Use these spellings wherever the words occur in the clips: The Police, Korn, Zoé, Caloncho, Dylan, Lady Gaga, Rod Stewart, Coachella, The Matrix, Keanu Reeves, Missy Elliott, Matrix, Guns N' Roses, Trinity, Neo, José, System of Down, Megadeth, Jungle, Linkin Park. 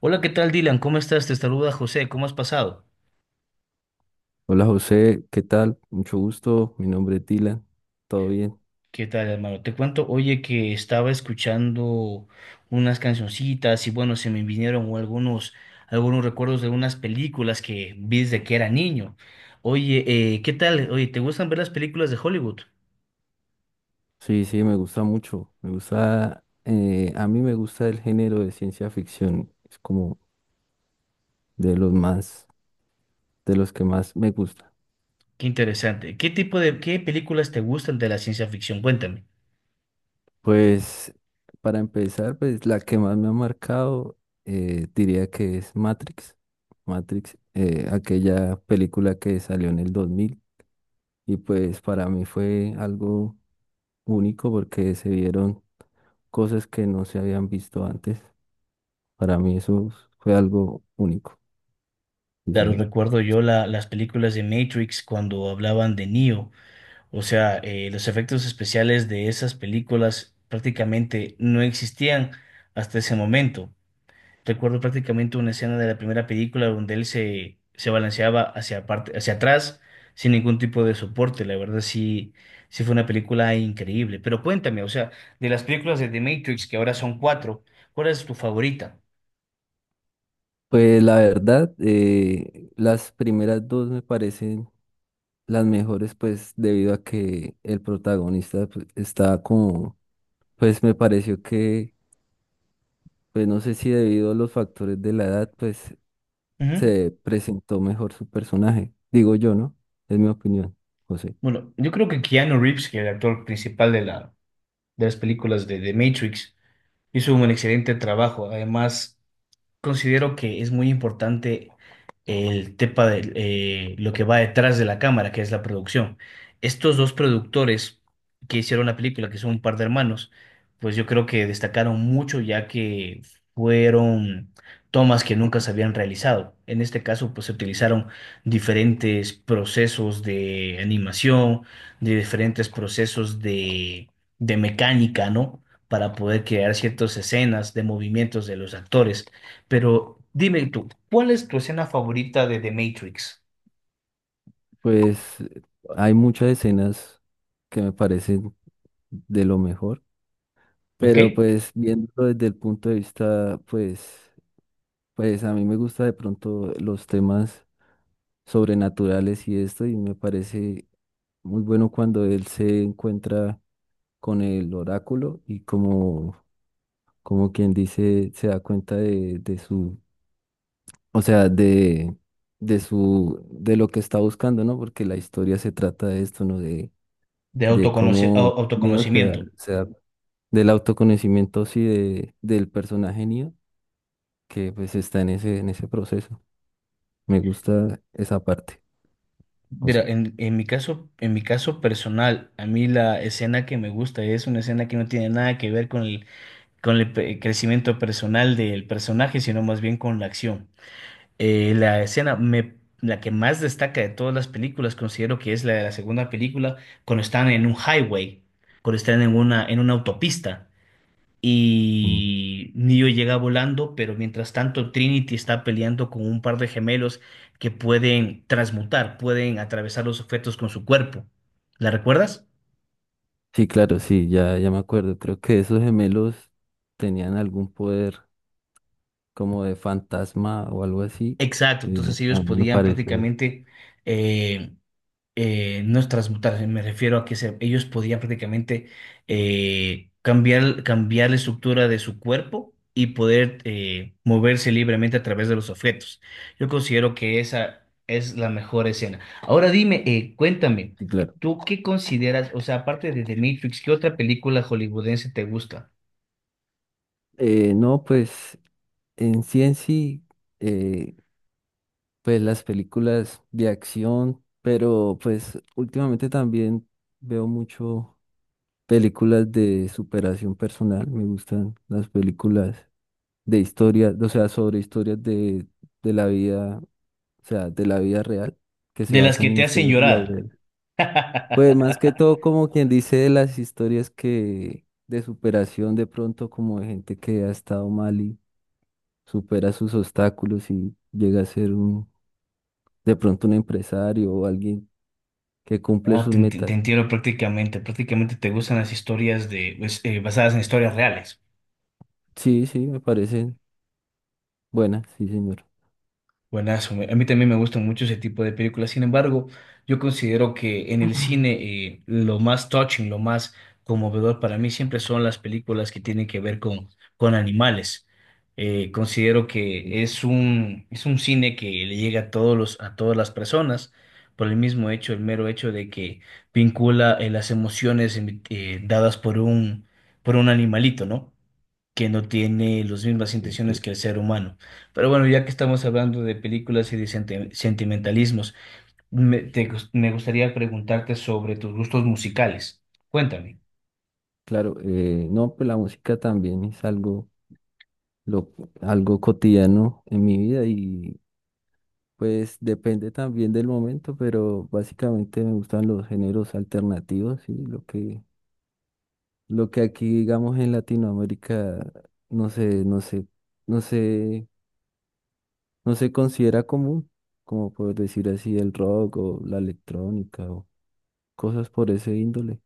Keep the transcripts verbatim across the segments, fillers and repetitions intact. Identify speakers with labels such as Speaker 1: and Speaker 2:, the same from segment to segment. Speaker 1: Hola, ¿qué tal, Dylan? ¿Cómo estás? Te saluda José. ¿Cómo has pasado?
Speaker 2: Hola José, ¿qué tal? Mucho gusto, mi nombre es Dylan, ¿todo bien?
Speaker 1: ¿Qué tal, hermano? Te cuento, oye, que estaba escuchando unas cancioncitas y bueno, se me vinieron algunos, algunos recuerdos de unas películas que vi desde que era niño. Oye, eh, ¿qué tal? Oye, ¿te gustan ver las películas de Hollywood?
Speaker 2: Sí, sí, me gusta mucho, me gusta, eh, a mí me gusta el género de ciencia ficción, es como de los más, de los que más me gusta.
Speaker 1: Qué interesante. ¿Qué tipo de, qué películas te gustan de la ciencia ficción? Cuéntame.
Speaker 2: Pues para empezar, pues la que más me ha marcado eh, diría que es Matrix, Matrix, eh, aquella película que salió en el dos mil y pues para mí fue algo único porque se vieron cosas que no se habían visto antes. Para mí eso fue algo único, sí,
Speaker 1: Claro,
Speaker 2: señor.
Speaker 1: recuerdo yo la- las películas de Matrix cuando hablaban de Neo. O sea, eh, los efectos especiales de esas películas prácticamente no existían hasta ese momento. Recuerdo prácticamente una escena de la primera película donde él se, se balanceaba hacia parte, hacia atrás sin ningún tipo de soporte. La verdad sí, sí fue una película increíble. Pero cuéntame, o sea, de las películas de The Matrix, que ahora son cuatro, ¿cuál es tu favorita?
Speaker 2: Pues la verdad, eh, las primeras dos me parecen las mejores, pues debido a que el protagonista pues, está como, pues me pareció que, pues no sé si debido a los factores de la edad, pues
Speaker 1: Ujú.
Speaker 2: se presentó mejor su personaje. Digo yo, ¿no? Es mi opinión, José.
Speaker 1: Bueno, yo creo que Keanu Reeves, que es el actor principal de la, de las películas de The Matrix, hizo un excelente trabajo. Además, considero que es muy importante el tema de eh, lo que va detrás de la cámara, que es la producción. Estos dos productores que hicieron la película, que son un par de hermanos, pues yo creo que destacaron mucho ya que fueron tomas que nunca se habían realizado. En este caso, pues se utilizaron diferentes procesos de animación, de diferentes procesos de, de mecánica, ¿no? Para poder crear ciertas escenas de movimientos de los actores. Pero dime tú, ¿cuál es tu escena favorita de The Matrix?
Speaker 2: Pues hay muchas escenas que me parecen de lo mejor,
Speaker 1: ¿Ok?
Speaker 2: pero pues viéndolo desde el punto de vista, pues, pues a mí me gusta de pronto los temas sobrenaturales y esto, y me parece muy bueno cuando él se encuentra con el oráculo y como, como quien dice, se da cuenta de, de su, o sea, de, de su, de lo que está buscando, ¿no? Porque la historia se trata de esto, ¿no? De,
Speaker 1: De
Speaker 2: de
Speaker 1: autoconoci-
Speaker 2: cómo
Speaker 1: au-
Speaker 2: Neo se da,
Speaker 1: autoconocimiento.
Speaker 2: se da del autoconocimiento, sí, de, del personaje Neo, que pues está en ese, en ese proceso. Me gusta esa parte, o
Speaker 1: Mira,
Speaker 2: sea.
Speaker 1: en, en mi caso, en mi caso personal, a mí la escena que me gusta es una escena que no tiene nada que ver con el, con el pe- crecimiento personal del personaje, sino más bien con la acción. Eh, la escena me, la que más destaca de todas las películas considero que es la de la segunda película, cuando están en un highway, cuando están en una, en una autopista.
Speaker 2: Mm.
Speaker 1: Y Neo llega volando, pero mientras tanto Trinity está peleando con un par de gemelos que pueden transmutar, pueden atravesar los objetos con su cuerpo. ¿La recuerdas?
Speaker 2: Sí, claro, sí, ya, ya me acuerdo. Creo que esos gemelos tenían algún poder como de fantasma o algo así,
Speaker 1: Exacto,
Speaker 2: que
Speaker 1: entonces
Speaker 2: a
Speaker 1: ellos
Speaker 2: mí me
Speaker 1: podían
Speaker 2: pareció.
Speaker 1: prácticamente eh, no es transmutar, me refiero a que se- ellos podían prácticamente eh, cambiar, cambiar la estructura de su cuerpo y poder eh, moverse libremente a través de los objetos. Yo considero que esa es la mejor escena. Ahora dime, eh, cuéntame,
Speaker 2: Sí, claro.
Speaker 1: ¿tú qué consideras, o sea, aparte de The Matrix, ¿qué otra película hollywoodense te gusta?
Speaker 2: Eh, no, pues en sí en sí, eh, pues las películas de acción, pero pues últimamente también veo mucho. Películas de superación personal, me gustan las películas de historia, o sea, sobre historias de, de la vida, o sea, de la vida real, que se
Speaker 1: De las que
Speaker 2: basan en
Speaker 1: te hacen
Speaker 2: historias de la vida
Speaker 1: llorar.
Speaker 2: real. Pues más que todo, como quien dice, de las historias que de superación de pronto, como de gente que ha estado mal y supera sus obstáculos y llega a ser un, de pronto un empresario o alguien que cumple
Speaker 1: Ah,
Speaker 2: sus
Speaker 1: te, te- te
Speaker 2: metas.
Speaker 1: entiendo prácticamente, prácticamente te gustan las historias de, pues, eh, basadas en historias reales.
Speaker 2: Sí, sí, me parecen buenas, sí, señor.
Speaker 1: Buenazo, me- a mí también me gusta mucho ese tipo de películas. Sin embargo, yo considero que en el cine eh, lo más touching, lo más conmovedor para mí siempre son las películas que tienen que ver con, con animales. Eh, considero
Speaker 2: Ok,
Speaker 1: que es un, es un cine que le llega a todos los, a todas las personas por el mismo hecho, el mero hecho de que vincula eh, las emociones em- eh, dadas por un, por un animalito, ¿no? Que no tiene las mismas
Speaker 2: ok.
Speaker 1: intenciones que el ser humano. Pero bueno, ya que estamos hablando de películas y de senti- sentimentalismos, me, te gus- me gustaría preguntarte sobre tus gustos musicales. Cuéntame,
Speaker 2: Claro, eh, no, pues la música también es algo, lo, algo cotidiano en mi vida y pues depende también del momento, pero básicamente me gustan los géneros alternativos y lo que, lo que aquí digamos en Latinoamérica no se, no se, no se, no se considera común, como por decir así el rock o la electrónica o cosas por ese índole,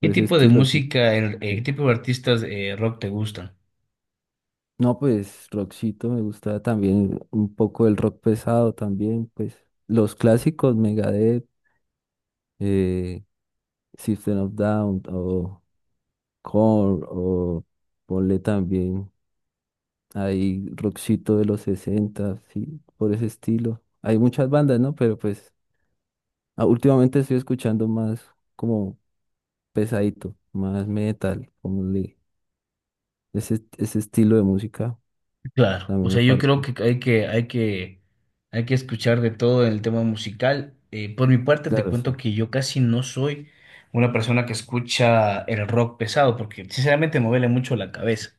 Speaker 1: ¿qué
Speaker 2: por ese
Speaker 1: tipo de
Speaker 2: estilo, sí.
Speaker 1: música, en- eh, qué tipo de artistas eh, rock te gustan?
Speaker 2: No, pues rockcito me gusta también un poco el rock pesado también, pues los clásicos Megadeth, eh, System of Down o Korn o ponle también ahí rockcito de los sesenta, sí, por ese estilo. Hay muchas bandas, ¿no? Pero pues ah, últimamente estoy escuchando más como pesadito, más metal, como le- ese, ese estilo de música, a
Speaker 1: Claro,
Speaker 2: mí
Speaker 1: o
Speaker 2: me
Speaker 1: sea, yo creo
Speaker 2: parece.
Speaker 1: que hay que, hay que, hay que escuchar de todo en el tema musical. Eh, por mi parte, te
Speaker 2: Claro,
Speaker 1: cuento
Speaker 2: sí.
Speaker 1: que yo casi no soy una persona que escucha el rock pesado, porque sinceramente me duele mucho la cabeza.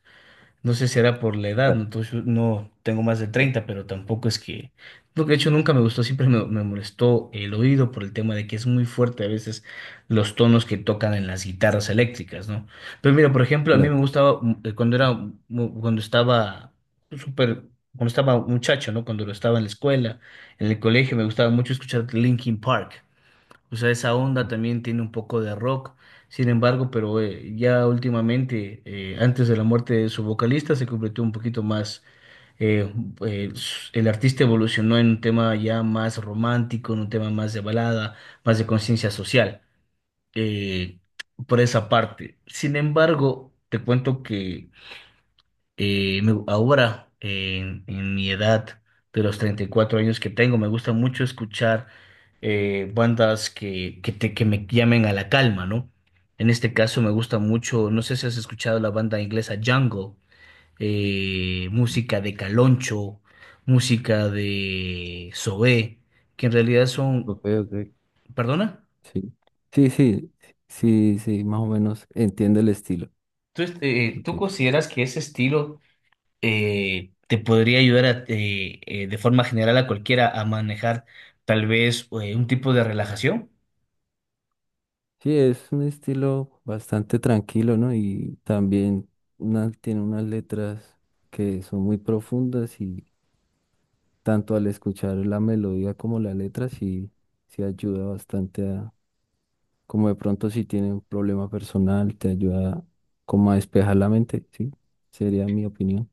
Speaker 1: No sé si era por la edad, no.
Speaker 2: Claro.
Speaker 1: Entonces, no tengo más de treinta pero tampoco es que... No. De hecho, nunca me gustó, siempre me, me molestó el oído por el tema de que es muy fuerte a veces los tonos que tocan en las guitarras eléctricas, ¿no? Pero mira, por ejemplo, a mí me
Speaker 2: Claro.
Speaker 1: gustaba mm, eh, cuando era, mu- cuando estaba súper, cuando estaba muchacho, ¿no? Cuando lo estaba en la escuela, en el colegio, me gustaba mucho escuchar Linkin Park. O sea, esa onda también tiene un poco de rock. Sin embargo, pero eh, ya últimamente, eh, antes de la muerte de su vocalista, se completó un poquito más. eh, eh, s- el artista evolucionó en un tema ya más romántico, en un tema más de balada, más de conciencia social, eh, por esa parte. Sin embargo, te cuento que eh, me- ahora, en, en mi edad de los treinta y cuatro años que tengo, me gusta mucho escuchar eh, bandas que, que, te- que me llamen a la calma, ¿no? En este caso me gusta mucho, no sé si has escuchado la banda inglesa Jungle, eh, música de Caloncho, música de Zoé, que en realidad son...
Speaker 2: Ok, ok.
Speaker 1: ¿Perdona?
Speaker 2: Sí, sí, sí, sí, sí, más o menos entiendo el estilo.
Speaker 1: ¿Tú, eh, tú
Speaker 2: Ok.
Speaker 1: consideras que ese estilo eh, te podría ayudar a, eh, eh, de forma general a cualquiera a manejar tal vez eh, un tipo de relajación?
Speaker 2: Sí, es un estilo bastante tranquilo, ¿no? Y también una- tiene unas letras que son muy profundas y tanto al escuchar la melodía como la letra sí, sí ayuda bastante a, como de pronto si tiene un problema personal, te ayuda como a despejar la mente, sí, sería mi opinión.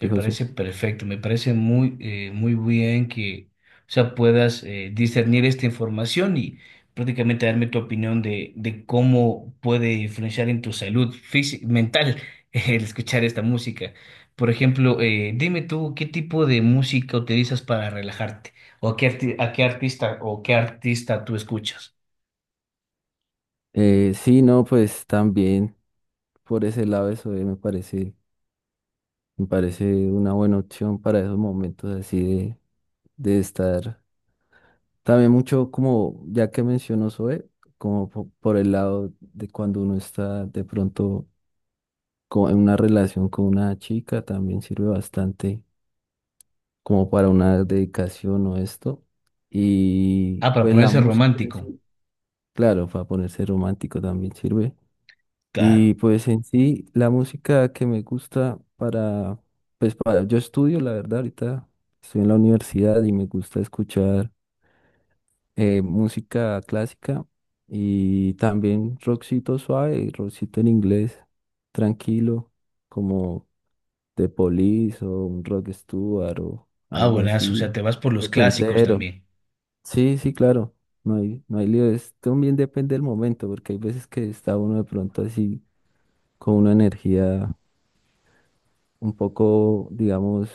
Speaker 1: Me
Speaker 2: José.
Speaker 1: parece perfecto, me parece muy, eh, muy bien que o sea, puedas eh, discernir esta información y prácticamente darme tu opinión de, de cómo puede influenciar en tu salud física, mental el escuchar esta música. Por ejemplo, eh, dime tú qué tipo de música utilizas para relajarte o a qué arti- a qué artista o qué artista tú escuchas.
Speaker 2: Eh, sí, no, pues también por ese lado eso eh, me parece. Me parece una buena opción para esos momentos así de, de estar. También mucho como, ya que mencionó Zoe, como po- por el lado de cuando uno está de pronto co- en una relación con una chica, también sirve bastante como para una dedicación o esto. Y
Speaker 1: Ah, para
Speaker 2: pues la
Speaker 1: ponerse
Speaker 2: música en
Speaker 1: romántico.
Speaker 2: sí, claro, para ponerse romántico también sirve. Y
Speaker 1: Claro.
Speaker 2: pues en sí, la música que me gusta para, pues para, yo estudio, la verdad, ahorita estoy en la universidad y me gusta escuchar eh, música clásica y también rockcito suave, rockcito en inglés, tranquilo, como The Police o un Rod Stewart o
Speaker 1: Ah,
Speaker 2: algo
Speaker 1: buenazo. O sea,
Speaker 2: así,
Speaker 1: te vas por los clásicos
Speaker 2: entero.
Speaker 1: también.
Speaker 2: Sí, sí, claro, no hay, no hay lío, es- también depende del momento, porque hay veces que está uno de pronto así con una energía un poco, digamos,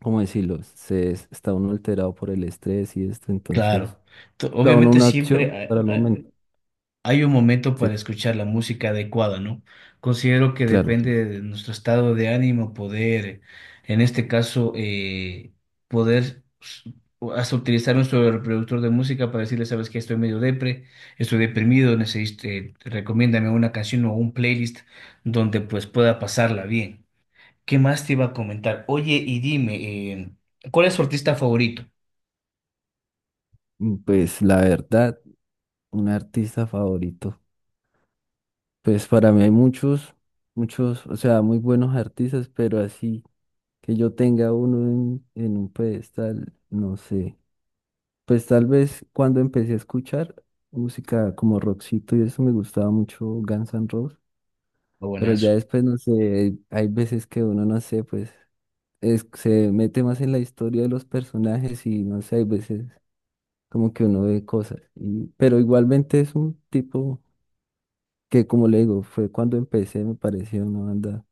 Speaker 2: ¿cómo decirlo? Se está uno alterado por el estrés y esto, entonces,
Speaker 1: Claro. To-
Speaker 2: cada uno
Speaker 1: Obviamente
Speaker 2: una opción
Speaker 1: siempre
Speaker 2: para el
Speaker 1: ha- ha-
Speaker 2: momento.
Speaker 1: hay un momento
Speaker 2: Sí,
Speaker 1: para escuchar la música adecuada, ¿no? Considero que
Speaker 2: claro, sí.
Speaker 1: depende de nuestro estado de ánimo poder, en este caso, eh, poder s- hasta utilizar nuestro reproductor de música para decirle, sabes que estoy medio depre, estoy deprimido, necesito, eh, recomiéndame una canción o un playlist donde pues pueda pasarla bien. ¿Qué más te iba a comentar? Oye, y dime, eh, ¿cuál es tu artista favorito?
Speaker 2: Mm, Pues la verdad, un artista favorito. Pues para mí hay muchos, muchos, o sea, muy buenos artistas, pero así que yo tenga uno en, en un pedestal, no sé. Pues tal vez cuando empecé a escuchar música como Roxito y eso me gustaba mucho Guns N' Roses.
Speaker 1: Oh,
Speaker 2: Pero ya
Speaker 1: buenazo.
Speaker 2: después, no sé, hay veces que uno, no sé, pues es- se mete más en la historia de los personajes y no sé, hay veces como que uno ve cosas. Y- pero igualmente es un tipo que, como le digo, fue cuando empecé, me pareció una banda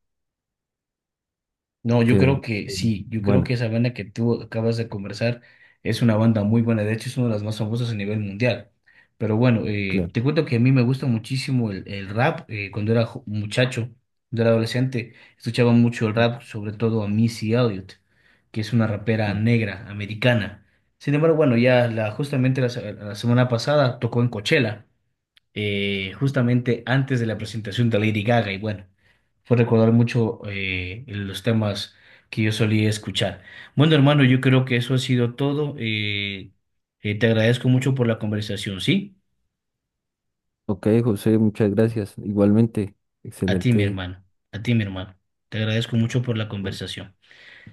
Speaker 1: No, yo
Speaker 2: que,
Speaker 1: creo que
Speaker 2: eh,
Speaker 1: sí, yo creo
Speaker 2: bueno,
Speaker 1: que esa banda que tú acabas de conversar es una banda muy buena, de hecho es una de las más famosas a nivel mundial. Pero bueno, eh,
Speaker 2: claro.
Speaker 1: te cuento que a mí me gusta muchísimo el, el rap, eh, cuando era jo- muchacho, cuando era adolescente, escuchaba mucho el rap, sobre todo a Missy Elliott, que es una rapera
Speaker 2: Mm.
Speaker 1: negra, americana. Sin embargo, bueno, ya la, justamente la se- la semana pasada tocó en Coachella. Eh, justamente antes de la presentación de Lady Gaga y bueno, fue recordar mucho eh, los temas que yo solía escuchar. Bueno, hermano, yo creo que eso ha sido todo. Eh, eh, te agradezco mucho por la conversación, ¿sí?
Speaker 2: Ok, José, muchas gracias. Igualmente,
Speaker 1: A ti, mi
Speaker 2: excelente.
Speaker 1: hermano, a ti, mi hermano. Te agradezco mucho por la conversación.